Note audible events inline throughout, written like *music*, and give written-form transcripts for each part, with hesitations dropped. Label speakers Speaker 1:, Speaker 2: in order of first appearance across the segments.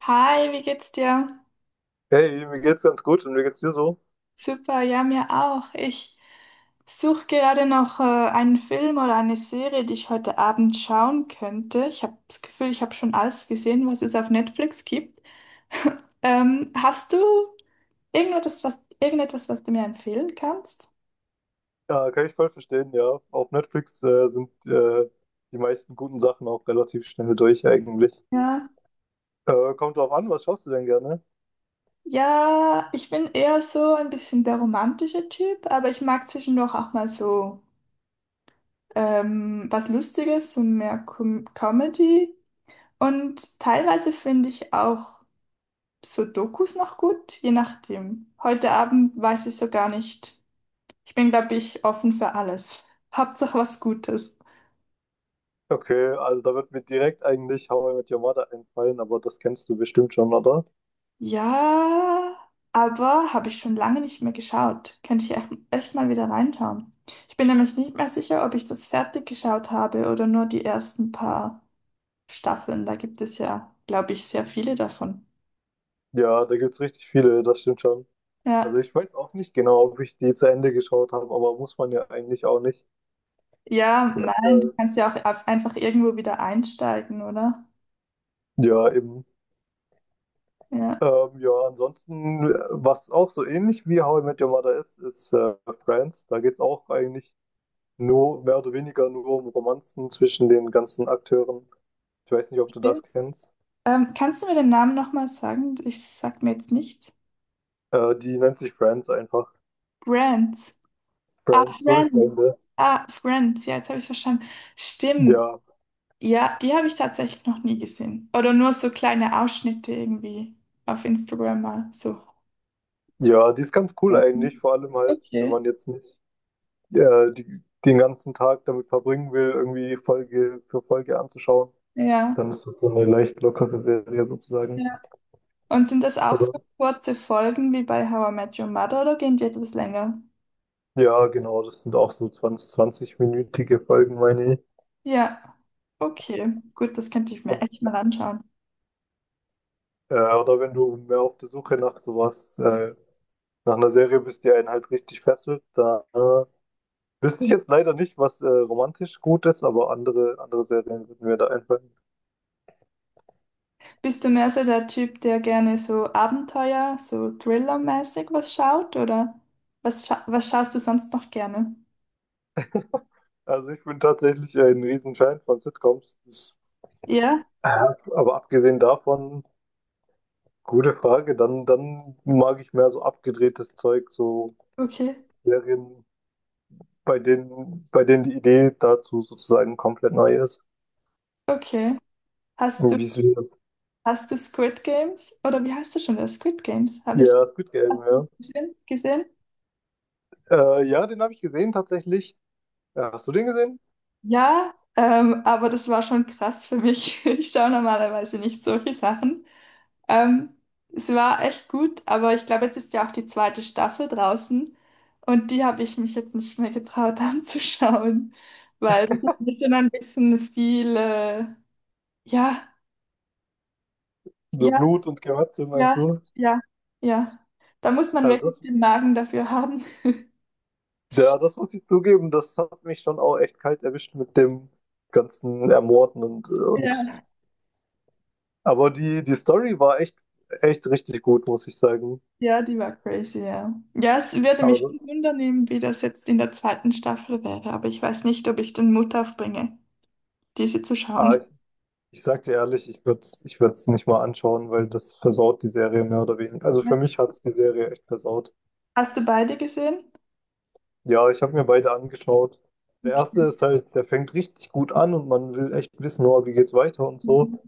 Speaker 1: Hi, wie geht's dir?
Speaker 2: Hey, mir geht's ganz gut und mir geht's dir so?
Speaker 1: Super, ja, mir auch. Ich suche gerade noch einen Film oder eine Serie, die ich heute Abend schauen könnte. Ich habe das Gefühl, ich habe schon alles gesehen, was es auf Netflix gibt. *laughs* Hast du irgendetwas, irgendetwas, was du mir empfehlen kannst?
Speaker 2: Ja, kann ich voll verstehen, ja. Auf Netflix sind die meisten guten Sachen auch relativ schnell durch eigentlich.
Speaker 1: Ja.
Speaker 2: Kommt drauf an, was schaust du denn gerne?
Speaker 1: Ja, ich bin eher so ein bisschen der romantische Typ, aber ich mag zwischendurch auch mal so was Lustiges, so mehr Comedy. Und teilweise finde ich auch Sudokus noch gut, je nachdem. Heute Abend weiß ich so gar nicht. Ich bin, glaube ich, offen für alles. *laughs* Hauptsache was Gutes.
Speaker 2: Okay, also da wird mir direkt eigentlich How I Met Your Mother einfallen, aber das kennst du bestimmt schon, oder?
Speaker 1: Ja, aber habe ich schon lange nicht mehr geschaut. Könnte ich echt mal wieder reinschauen. Ich bin nämlich nicht mehr sicher, ob ich das fertig geschaut habe oder nur die ersten paar Staffeln. Da gibt es ja, glaube ich, sehr viele davon.
Speaker 2: Ja, da gibt's richtig viele, das stimmt schon. Also
Speaker 1: Ja,
Speaker 2: ich weiß auch nicht genau, ob ich die zu Ende geschaut habe, aber muss man ja eigentlich auch nicht.
Speaker 1: ja, nein, du
Speaker 2: Ja,
Speaker 1: kannst ja auch einfach irgendwo wieder einsteigen, oder?
Speaker 2: ja, eben.
Speaker 1: Ja.
Speaker 2: Ja, ansonsten, was auch so ähnlich wie How I Met Your Mother ist, ist Friends. Da geht es auch eigentlich nur, mehr oder weniger nur um Romanzen zwischen den ganzen Akteuren. Ich weiß nicht, ob du das
Speaker 1: Okay.
Speaker 2: kennst.
Speaker 1: Kannst du mir den Namen nochmal sagen? Ich sag mir jetzt nichts.
Speaker 2: Die nennt sich Friends einfach.
Speaker 1: Brands. Ah,
Speaker 2: Friends, so wie
Speaker 1: Friends.
Speaker 2: Freunde.
Speaker 1: Ah, Friends. Ja, jetzt habe ich es verstanden. Stimmt.
Speaker 2: Ja,
Speaker 1: Ja, die habe ich tatsächlich noch nie gesehen. Oder nur so kleine Ausschnitte irgendwie auf Instagram mal so.
Speaker 2: ja, die ist ganz cool
Speaker 1: Ja.
Speaker 2: eigentlich, vor allem halt, wenn
Speaker 1: Okay.
Speaker 2: man jetzt nicht den ganzen Tag damit verbringen will, irgendwie Folge für Folge anzuschauen,
Speaker 1: Ja.
Speaker 2: dann ist das so eine leicht lockere Serie sozusagen.
Speaker 1: Ja. Und sind das auch
Speaker 2: Also,
Speaker 1: so kurze Folgen wie bei How I Met Your Mother oder gehen die etwas länger?
Speaker 2: Ja, genau, das sind auch so 20, 20-minütige Folgen, meine ich.
Speaker 1: Ja. Okay. Gut, das könnte ich mir echt mal anschauen.
Speaker 2: Oder wenn du mehr auf der Suche nach sowas, nach einer Serie bist, die einen halt richtig fesselt, da wüsste ich jetzt leider nicht, was romantisch gut ist, aber andere Serien würden mir da einfallen.
Speaker 1: Bist du mehr so der Typ, der gerne so Abenteuer, so Thriller-mäßig was schaut, oder was schaust du sonst noch gerne?
Speaker 2: Also ich bin tatsächlich ein Riesenfan von Sitcoms. Das,
Speaker 1: Ja?
Speaker 2: äh, aber abgesehen davon, gute Frage, dann mag ich mehr so abgedrehtes Zeug, so
Speaker 1: Okay.
Speaker 2: Serien, bei denen die Idee dazu sozusagen komplett neu ist.
Speaker 1: Okay. Hast du,
Speaker 2: Wieso?
Speaker 1: hast du Squid Games? Oder wie heißt das schon wieder? Squid Games? Habe ich
Speaker 2: Ja, Squid Game,
Speaker 1: das
Speaker 2: ja.
Speaker 1: gesehen?
Speaker 2: Ja, den habe ich gesehen tatsächlich. Ja, hast du den gesehen?
Speaker 1: Ja, aber das war schon krass für mich. *laughs* Ich schaue normalerweise nicht solche Sachen. Ähm, es war echt gut, aber ich glaube, jetzt ist ja auch die zweite Staffel draußen und die habe ich mich jetzt nicht mehr getraut *laughs* anzuschauen, weil das ist schon ein bisschen viel. Ja,
Speaker 2: So
Speaker 1: ja,
Speaker 2: Blut und Gemetzel, meinst
Speaker 1: ja,
Speaker 2: du?
Speaker 1: ja, ja. Da muss man
Speaker 2: Also
Speaker 1: wirklich
Speaker 2: das,
Speaker 1: den Magen dafür haben. *laughs*
Speaker 2: ja, das muss ich zugeben, das hat mich schon auch echt kalt erwischt mit dem ganzen Ermorden und
Speaker 1: Ja.
Speaker 2: aber die Story war echt richtig gut, muss ich sagen.
Speaker 1: Ja, die war crazy, ja. Ja, es würde mich
Speaker 2: Aber
Speaker 1: wundern, wie das jetzt in der zweiten Staffel wäre, aber ich weiß nicht, ob ich den Mut aufbringe, diese zu
Speaker 2: ah,
Speaker 1: schauen.
Speaker 2: ich sag dir ehrlich, ich würde es nicht mal anschauen, weil das versaut die Serie mehr oder weniger. Also
Speaker 1: Ja.
Speaker 2: für mich hat es die Serie echt versaut.
Speaker 1: Hast du beide gesehen?
Speaker 2: Ja, ich habe mir beide angeschaut. Der erste
Speaker 1: Okay.
Speaker 2: ist halt, der fängt richtig gut an und man will echt wissen, oh, wie geht's weiter und so.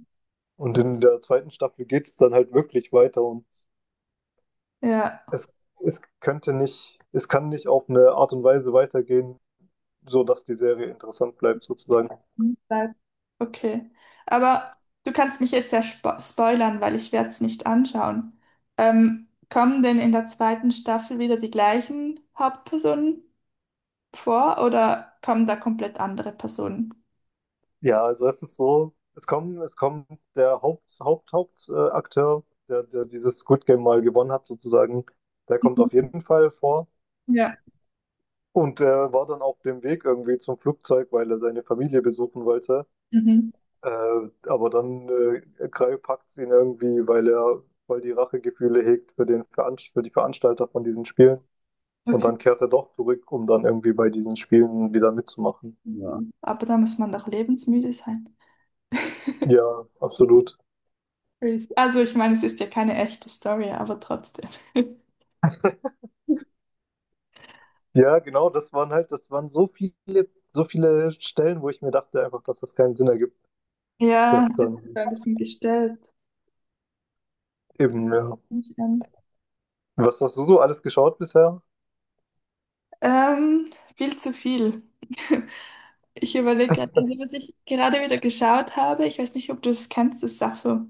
Speaker 2: Und in der zweiten Staffel geht's dann halt wirklich weiter und
Speaker 1: Ja.
Speaker 2: es, es könnte nicht, es kann nicht auf eine Art und Weise weitergehen, so dass die Serie interessant bleibt sozusagen.
Speaker 1: Beide. Okay. Aber du kannst mich jetzt ja spoilern, weil ich werde es nicht anschauen. Kommen denn in der zweiten Staffel wieder die gleichen Hauptpersonen vor oder kommen da komplett andere Personen?
Speaker 2: Ja, also es ist so, es kommt der Hauptakteur, Akteur, der dieses Squid Game mal gewonnen hat sozusagen, der kommt auf
Speaker 1: Mhm.
Speaker 2: jeden Fall vor.
Speaker 1: Ja.
Speaker 2: Und er war dann auf dem Weg irgendwie zum Flugzeug, weil er seine Familie besuchen wollte.
Speaker 1: Mhm.
Speaker 2: Äh, aber dann Krall packt ihn irgendwie, weil die Rachegefühle hegt für den Veranst für die Veranstalter von diesen Spielen. Und dann kehrt er doch zurück, um dann irgendwie bei diesen Spielen wieder mitzumachen.
Speaker 1: Ja. Aber da muss man doch lebensmüde sein. *laughs*
Speaker 2: Ja, absolut.
Speaker 1: Crazy. Also ich meine, es ist ja keine echte Story, aber trotzdem. *laughs*
Speaker 2: Ja, genau, das waren so viele Stellen, wo ich mir dachte einfach, dass das keinen Sinn ergibt,
Speaker 1: Ja,
Speaker 2: dass
Speaker 1: das ist
Speaker 2: dann
Speaker 1: ein bisschen gestellt.
Speaker 2: eben, ja.
Speaker 1: Nicht an.
Speaker 2: Was hast du so alles geschaut bisher?
Speaker 1: Ähm, viel zu viel. *laughs* Ich überlege gerade, also was ich gerade wieder geschaut habe, ich weiß nicht, ob du das kennst, das ist auch so,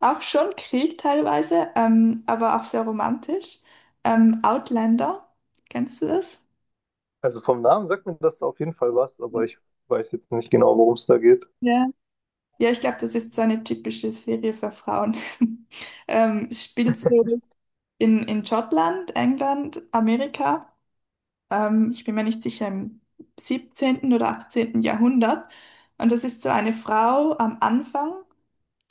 Speaker 1: auch schon Krieg teilweise, aber auch sehr romantisch. Outlander, kennst du das?
Speaker 2: Also vom Namen sagt mir das auf jeden Fall was, aber ich weiß jetzt nicht genau, worum es da geht.
Speaker 1: Ja. Ja, ich glaube, das ist so eine typische Serie für Frauen. *laughs* Es spielt so in Schottland, England, Amerika. Ich bin mir nicht sicher, im 17. oder 18. Jahrhundert. Und das ist so eine Frau am Anfang,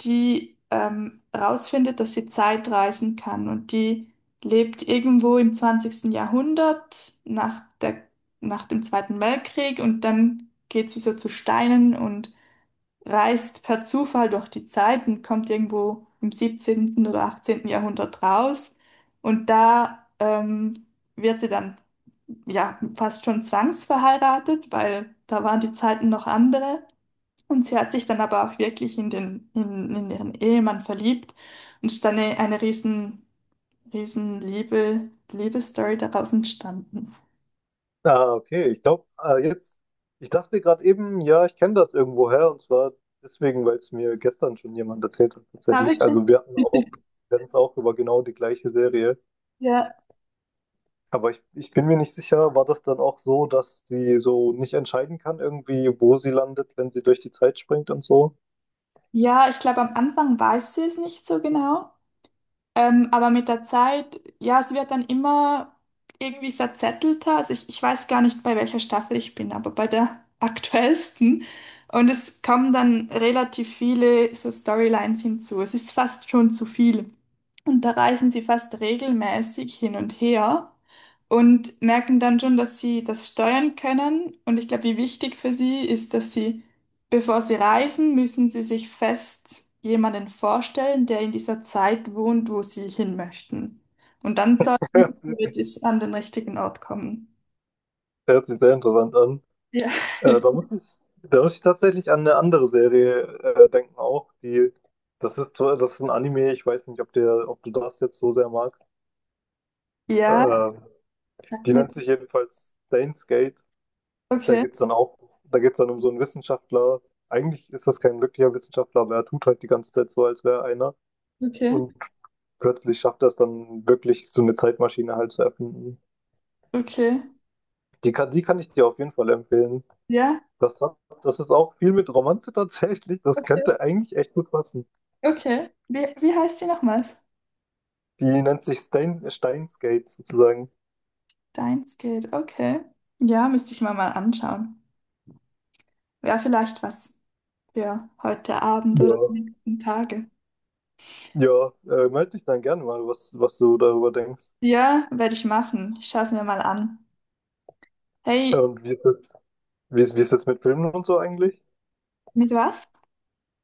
Speaker 1: die rausfindet, dass sie Zeit reisen kann. Und die lebt irgendwo im 20. Jahrhundert nach dem Zweiten Weltkrieg. Und dann geht sie so zu Steinen und reist per Zufall durch die Zeit und kommt irgendwo im 17. oder 18. Jahrhundert raus. Und da wird sie dann ja fast schon zwangsverheiratet, weil da waren die Zeiten noch andere. Und sie hat sich dann aber auch wirklich in in ihren Ehemann verliebt. Und es ist dann eine riesen Liebesstory daraus entstanden.
Speaker 2: Ah, okay. Ich glaube, ich dachte gerade eben, ja, ich kenne das irgendwoher und zwar deswegen, weil es mir gestern schon jemand erzählt hat,
Speaker 1: Ja,
Speaker 2: tatsächlich.
Speaker 1: wirklich.
Speaker 2: Wir hatten es auch über genau die gleiche Serie.
Speaker 1: Ja,
Speaker 2: Aber ich bin mir nicht sicher, war das dann auch so, dass sie so nicht entscheiden kann, irgendwie, wo sie landet, wenn sie durch die Zeit springt und so?
Speaker 1: ja, ich glaube, am Anfang weiß sie es nicht so genau. Aber mit der Zeit, ja, es wird dann immer irgendwie verzettelter. Also ich weiß gar nicht, bei welcher Staffel ich bin, aber bei der *laughs* aktuellsten. Und es kommen dann relativ viele so Storylines hinzu. Es ist fast schon zu viel. Und da reisen sie fast regelmäßig hin und her und merken dann schon, dass sie das steuern können. Und ich glaube, wie wichtig für sie ist, dass sie bevor Sie reisen, müssen Sie sich fest jemanden vorstellen, der in dieser Zeit wohnt, wo Sie hin möchten. Und dann sollten Sie
Speaker 2: *laughs*
Speaker 1: theoretisch an den richtigen Ort kommen.
Speaker 2: Hört sich sehr interessant an.
Speaker 1: Ja.
Speaker 2: Äh, da
Speaker 1: *laughs*
Speaker 2: muss ich, Da muss ich tatsächlich an eine andere Serie denken auch, die das das ist ein Anime, ich weiß nicht, ob du das jetzt so sehr magst.
Speaker 1: Ja,
Speaker 2: Äh,
Speaker 1: sag
Speaker 2: Die
Speaker 1: nicht.
Speaker 2: nennt sich jedenfalls Steins Gate. Da
Speaker 1: Okay,
Speaker 2: geht's dann auch, Da geht's dann um so einen Wissenschaftler. Eigentlich ist das kein wirklicher Wissenschaftler, aber er tut halt die ganze Zeit so, als wäre er einer.
Speaker 1: okay,
Speaker 2: Und plötzlich schafft er es dann wirklich, so eine Zeitmaschine halt zu erfinden.
Speaker 1: okay,
Speaker 2: Die kann ich dir auf jeden Fall empfehlen.
Speaker 1: ja,
Speaker 2: Das hat, Das ist auch viel mit Romanze tatsächlich. Das
Speaker 1: okay,
Speaker 2: könnte eigentlich echt gut passen.
Speaker 1: okay. Wie, wie heißt die nochmals?
Speaker 2: Die nennt sich Steinsgate sozusagen.
Speaker 1: Deimsgate, okay. Ja, müsste ich mir mal anschauen. Wäre vielleicht was für heute Abend oder die
Speaker 2: Ja.
Speaker 1: nächsten Tage.
Speaker 2: Ja, melde dich dann gerne mal, was du darüber denkst.
Speaker 1: Ja, werde ich machen. Ich schaue es mir mal an.
Speaker 2: Äh,
Speaker 1: Hey,
Speaker 2: Und wie ist das, wie ist das mit Filmen und so eigentlich?
Speaker 1: mit was?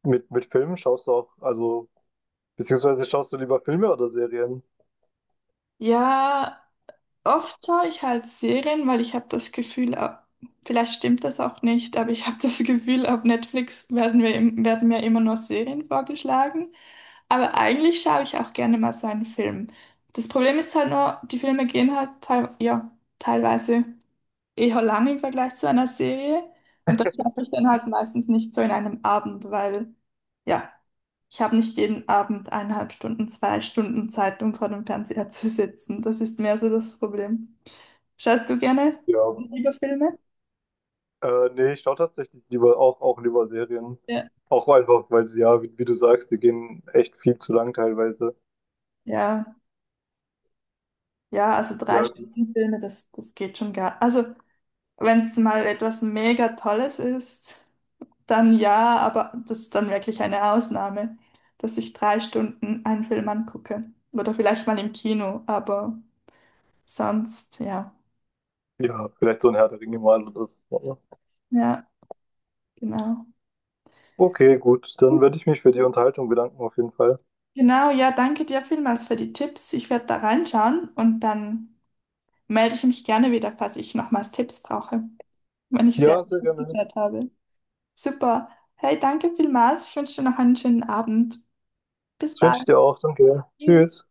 Speaker 2: Mit Filmen schaust du auch, also, beziehungsweise schaust du lieber Filme oder Serien?
Speaker 1: Ja, oft schaue ich halt Serien, weil ich habe das Gefühl, vielleicht stimmt das auch nicht, aber ich *laughs* habe das Gefühl, auf Netflix werden wir, werden mir immer nur Serien vorgeschlagen. Aber eigentlich schaue ich auch gerne mal so einen Film. Das Problem ist halt nur, die Filme gehen halt teilweise eher lang im Vergleich zu einer Serie. Und das schaffe ich dann halt meistens nicht so in einem Abend, weil ja, ich habe nicht jeden Abend 1,5 Stunden, 2 Stunden Zeit, um vor dem Fernseher zu sitzen. Das ist mehr so das Problem. Schaust du gerne
Speaker 2: Ja.
Speaker 1: lieber Filme?
Speaker 2: Nee, ich schaue tatsächlich auch lieber Serien.
Speaker 1: Ja.
Speaker 2: Auch einfach, weil sie ja, wie du sagst, die gehen echt viel zu lang teilweise.
Speaker 1: Ja, ja, also drei
Speaker 2: Ja,
Speaker 1: Stunden Filme, das geht schon gar. Also, wenn es mal etwas mega Tolles ist. Dann ja, aber das ist dann wirklich eine Ausnahme, dass ich 3 Stunden einen Film angucke. Oder vielleicht mal im Kino, aber sonst ja.
Speaker 2: ja, vielleicht so ein Herr der Ringe mal oder so.
Speaker 1: Ja, genau.
Speaker 2: Okay, gut, dann werde ich mich für die Unterhaltung bedanken auf jeden Fall.
Speaker 1: Genau, ja, danke dir vielmals für die Tipps. Ich werde da reinschauen und dann melde ich mich gerne wieder, falls ich nochmals Tipps brauche, wenn ich sie
Speaker 2: Ja, sehr gerne.
Speaker 1: geklärt habe. Super. Hey, danke vielmals. Ich wünsche dir noch einen schönen Abend. Bis
Speaker 2: Das wünsche ich
Speaker 1: bald.
Speaker 2: dir auch. Danke.
Speaker 1: Tschüss.
Speaker 2: Tschüss.